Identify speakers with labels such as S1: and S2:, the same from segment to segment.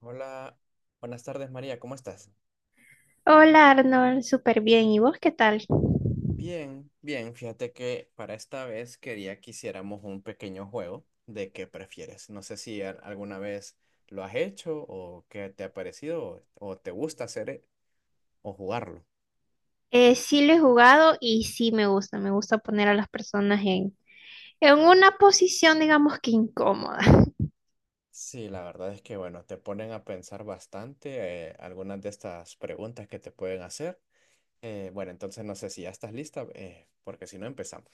S1: Hola, buenas tardes María, ¿cómo estás?
S2: Hola Arnold, súper bien. ¿Y vos qué tal?
S1: Bien, bien, fíjate que para esta vez quería que hiciéramos un pequeño juego de qué prefieres. No sé si alguna vez lo has hecho o qué te ha parecido o te gusta hacer o jugarlo.
S2: Sí lo he jugado y sí me gusta. Me gusta poner a las personas en una posición, digamos que incómoda.
S1: Sí, la verdad es que bueno, te ponen a pensar bastante algunas de estas preguntas que te pueden hacer. Bueno, entonces no sé si ya estás lista, porque si no empezamos.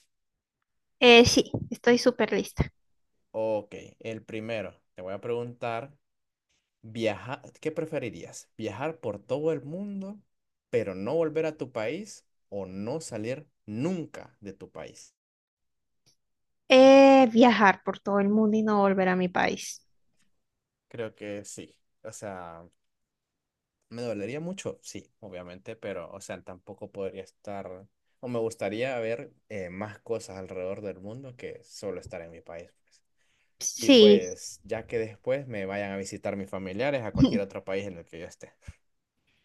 S2: Sí, estoy súper lista.
S1: Ok, el primero, te voy a preguntar. Viajar, ¿qué preferirías? ¿Viajar por todo el mundo, pero no volver a tu país o no salir nunca de tu país?
S2: Viajar por todo el mundo y no volver a mi país.
S1: Creo que sí. O sea, me dolería mucho, sí, obviamente, pero, o sea, tampoco podría estar, o me gustaría ver más cosas alrededor del mundo que solo estar en mi país, pues. Y
S2: Sí,
S1: pues, ya que después me vayan a visitar mis familiares a cualquier otro país en el que yo esté.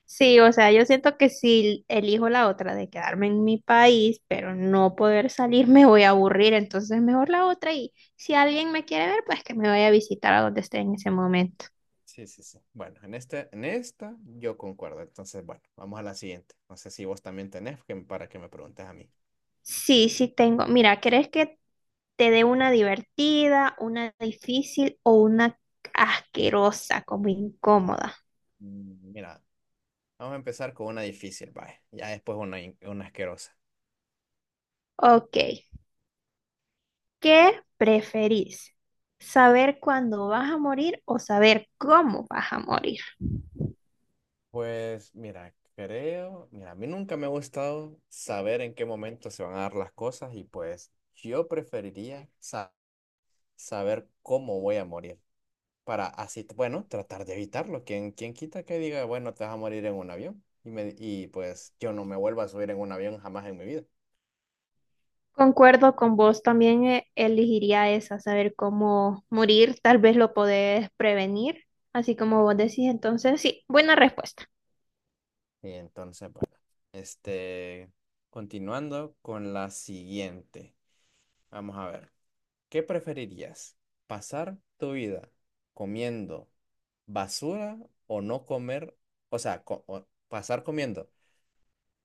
S2: sí, o sea, yo siento que si elijo la otra de quedarme en mi país, pero no poder salir, me voy a aburrir. Entonces mejor la otra y si alguien me quiere ver, pues que me vaya a visitar a donde esté en ese momento.
S1: Sí, sí, sí. Bueno, en este, en esta yo concuerdo. Entonces, bueno, vamos a la siguiente. No sé si vos también tenés que, para que me preguntes a mí.
S2: Sí, sí tengo. Mira, ¿querés que te dé una divertida, una difícil o una asquerosa, como incómoda?
S1: Mm, mira, vamos a empezar con una difícil, vaya. Ya después una, una asquerosa.
S2: Ok, ¿qué preferís? ¿Saber cuándo vas a morir o saber cómo vas a morir?
S1: Pues, mira, creo, mira, a mí nunca me ha gustado saber en qué momento se van a dar las cosas y pues yo preferiría saber cómo voy a morir, para así, bueno, tratar de evitarlo. ¿Quién, quién quita que diga, bueno, te vas a morir en un avión? Y, me, y pues yo no me vuelvo a subir en un avión jamás en mi vida.
S2: Concuerdo con vos, también elegiría esa, saber cómo morir, tal vez lo podés prevenir, así como vos decís, entonces sí, buena respuesta.
S1: Y entonces, bueno, este, continuando con la siguiente. Vamos a ver, ¿qué preferirías? ¿Pasar tu vida comiendo basura o no comer? O sea, o pasar comiendo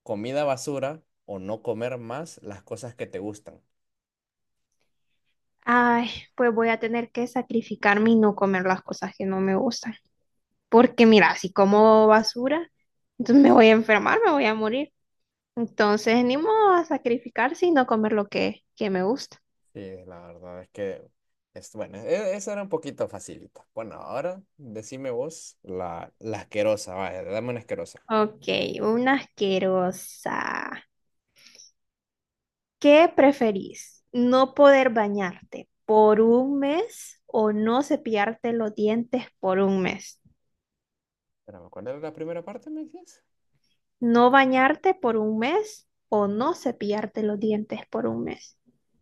S1: comida basura o no comer más las cosas que te gustan.
S2: Ay, pues voy a tener que sacrificarme y no comer las cosas que no me gustan. Porque mira, si como basura, entonces me voy a enfermar, me voy a morir. Entonces, ni modo a sacrificarse y no comer que me gusta.
S1: Sí, la verdad es que es bueno, esa era un poquito facilita. Bueno, ahora decime vos la, la asquerosa, vaya, dame una asquerosa.
S2: Ok, una asquerosa. ¿Qué preferís? ¿No poder bañarte por un mes o no cepillarte los dientes por un mes?
S1: Espérame, ¿cuál era la primera parte, me decías?
S2: ¿No bañarte por un mes o
S1: Ujú.
S2: no cepillarte los dientes por un mes?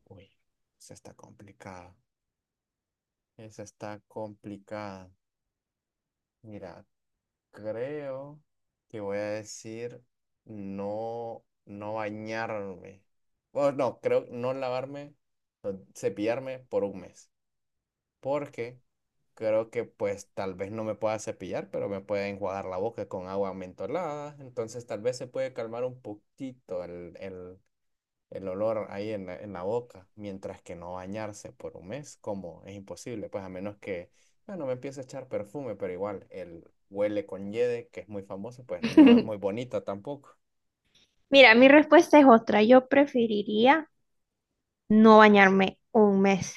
S1: Uy, esa está complicada. Esa está complicada. Mira, creo que voy a decir no, no bañarme. O no, creo no lavarme, no, cepillarme por un mes. Porque creo que pues tal vez no me pueda cepillar, pero me puede enjuagar la boca con agua mentolada. Entonces tal vez se puede calmar un poquito el, el olor ahí en la boca, mientras que no bañarse por un mes, como es imposible, pues a menos que, bueno, me empiece a echar perfume, pero igual el huele con yede, que es muy famoso, pues no es muy bonita tampoco.
S2: Mira, mi respuesta es otra. Yo preferiría no bañarme un mes,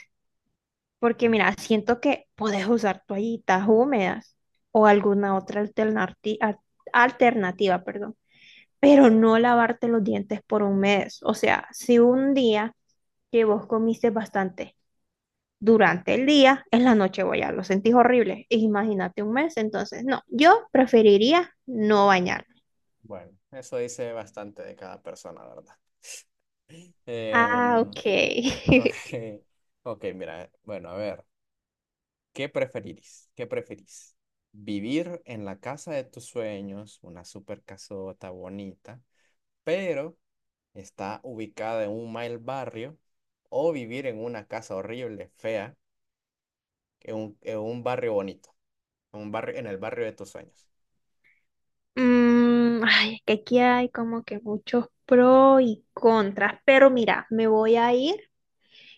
S2: porque
S1: Mm.
S2: mira, siento que puedes usar toallitas húmedas o alguna otra alternativa, perdón, pero no lavarte los dientes por un mes. O sea, si un día que vos comiste bastante durante el día, en la noche voy a lo sentís horrible. Imagínate un mes, entonces no, yo preferiría no bañarme.
S1: Bueno, eso dice bastante de cada persona, ¿verdad?
S2: Ah,
S1: Em,
S2: ok.
S1: ok, ok, mira, bueno, a ver. ¿Qué preferirís? ¿Qué preferís? ¿Vivir en la casa de tus sueños, una super casota bonita, pero está ubicada en un mal barrio? ¿O vivir en una casa horrible, fea, en un barrio bonito, en un barrio, en el barrio de tus sueños?
S2: Ay, es que aquí hay como que muchos pros y contras, pero mira, me voy a ir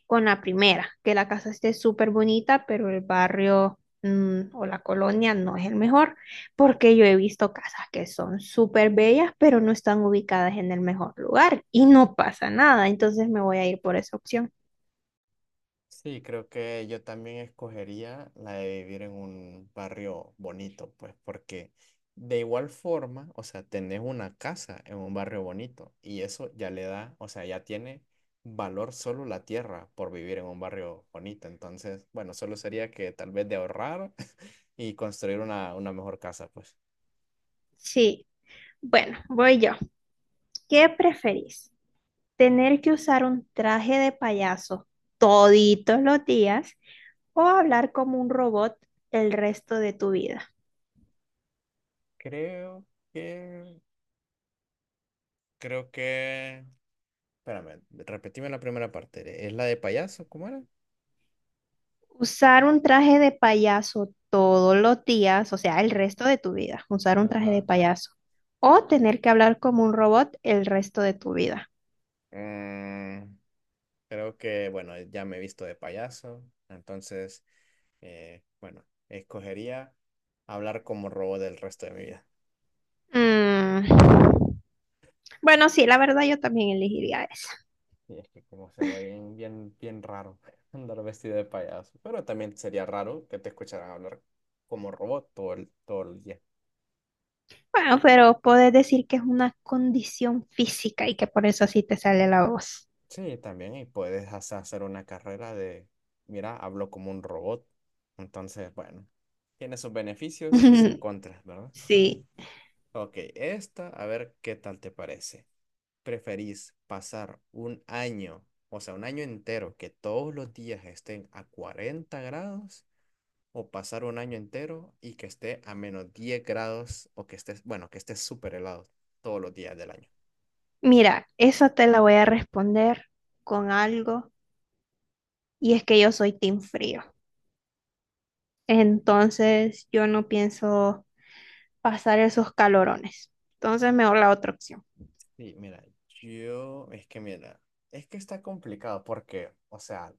S2: con la primera, que la casa esté súper bonita, pero el barrio o la colonia no es el mejor, porque yo he visto casas que son súper bellas, pero no están ubicadas en el mejor lugar y no pasa nada, entonces me voy a ir por esa opción.
S1: Sí, creo que yo también escogería la de vivir en un barrio bonito, pues porque de igual forma, o sea, tenés una casa en un barrio bonito y eso ya le da, o sea, ya tiene valor solo la tierra por vivir en un barrio bonito. Entonces, bueno, solo sería que tal vez de ahorrar y construir una mejor casa, pues.
S2: Sí, bueno, voy yo. ¿Qué preferís? ¿Tener que usar un traje de payaso toditos los días? O hablar como un robot el resto de tu vida.
S1: Creo que, creo que, espérame, repetime la primera parte. ¿Es la de payaso? ¿Cómo era?
S2: Usar un traje de payaso todos los días, o sea, el
S1: Mm,
S2: resto de tu vida, usar un traje de
S1: ajá.
S2: payaso. O tener que hablar como un robot el resto de tu vida.
S1: Mm, creo que, bueno, ya me he visto de payaso, entonces, bueno, escogería hablar como robot el resto de mi vida.
S2: Mm. Bueno, sí, la verdad yo también elegiría esa.
S1: Y es que como sería bien, bien, bien raro andar vestido de payaso, pero también sería raro que te escucharan hablar como robot todo el día.
S2: Bueno, pero puedes decir que es una condición física y que por eso así te sale la voz.
S1: Sí, también, y puedes hasta hacer una carrera de, mira, hablo como un robot. Entonces, bueno, tiene sus beneficios y sus contras, ¿verdad?
S2: Sí,
S1: Ok, esta, a ver qué tal te parece. ¿Preferís pasar un año, o sea, un año entero que todos los días estén a 40 grados o pasar un año entero y que esté a menos 10 grados o que estés, bueno, que esté súper helado todos los días del año?
S2: mira, esa te la voy a responder con algo y es que yo soy team frío. Entonces yo no pienso pasar esos calorones. Entonces mejor la otra opción.
S1: Sí, mira, yo, es que mira, es que está complicado porque, o sea,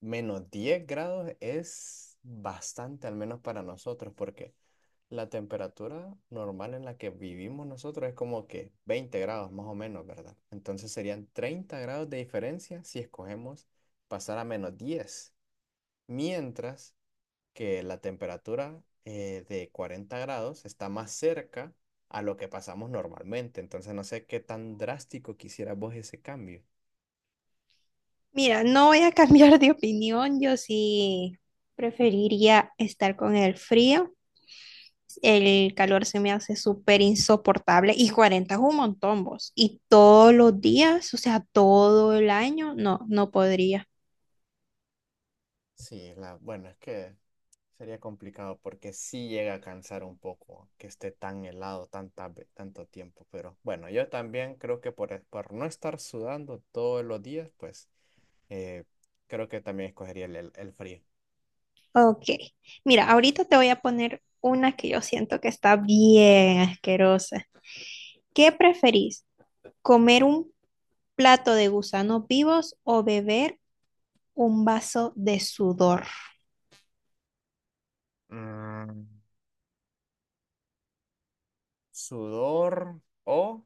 S1: menos 10 grados es bastante, al menos para nosotros, porque la temperatura normal en la que vivimos nosotros es como que 20 grados más o menos, ¿verdad? Entonces serían 30 grados de diferencia si escogemos pasar a menos 10, mientras que la temperatura de 40 grados está más cerca a lo que pasamos normalmente. Entonces no sé qué tan drástico quisieras vos ese cambio.
S2: Mira, no voy a cambiar de opinión. Yo sí preferiría estar con el frío. El calor se me hace súper insoportable y 40 es un montón, vos. Y todos los días, o sea, todo el año, no, no podría.
S1: Sí, la, bueno, es que sería complicado porque sí llega a cansar un poco que esté tan helado tanta, tanto tiempo, pero bueno, yo también creo que por, por no estar sudando todos los días, pues eh, creo que también escogería el, el frío.
S2: Ok, mira, ahorita te voy a poner una que yo siento que está bien asquerosa. ¿Qué preferís? ¿Comer un plato de gusanos vivos o beber un vaso de sudor?
S1: Mm, sudor o,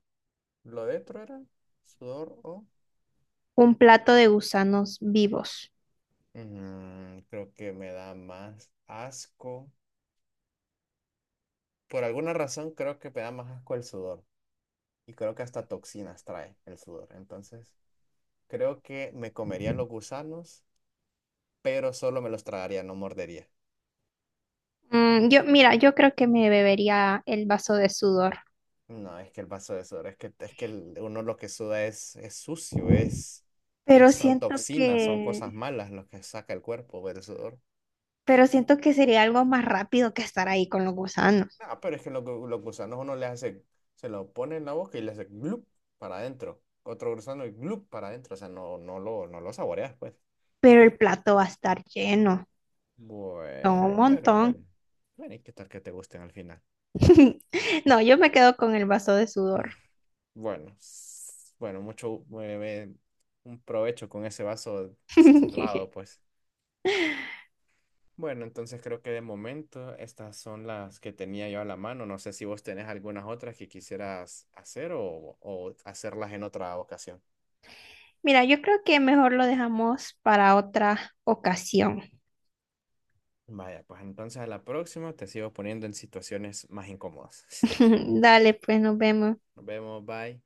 S1: lo de otro era, sudor o,
S2: Un plato de gusanos vivos.
S1: mm, creo que me da más asco. Por alguna razón creo que me da más asco el sudor y creo que hasta toxinas trae el sudor, entonces... Creo que me comería los gusanos, pero solo me los tragaría, no mordería.
S2: Mira, yo creo que me bebería el vaso de sudor,
S1: No, es que el vaso de sudor, es que uno lo que suda es sucio, es,
S2: pero
S1: son
S2: siento
S1: toxinas, son cosas
S2: que,
S1: malas lo que saca el cuerpo del sudor.
S2: pero siento que sería algo más rápido que estar ahí con los gusanos.
S1: Ah, pero es que los, los gusanos uno le hace, se lo pone en la boca y le hace glup para adentro. Otro gusano y glup para adentro, o sea, no, no lo, no lo saboreas, pues.
S2: Pero el plato va a estar lleno, son un
S1: Bueno, pero...
S2: montón.
S1: Bueno, ¿y qué tal que te gusten al final?
S2: No, yo me quedo con el vaso de sudor.
S1: Bueno, bueno, un provecho con ese vaso salado, pues. Bueno, entonces creo que de momento estas son las que tenía yo a la mano. No sé si vos tenés algunas otras que quisieras hacer o hacerlas en otra ocasión.
S2: Mira, yo creo que mejor lo dejamos para otra ocasión.
S1: Vaya, pues entonces a la próxima te sigo poniendo en situaciones más incómodas.
S2: Dale, pues nos vemos.
S1: Nos vemos, bye.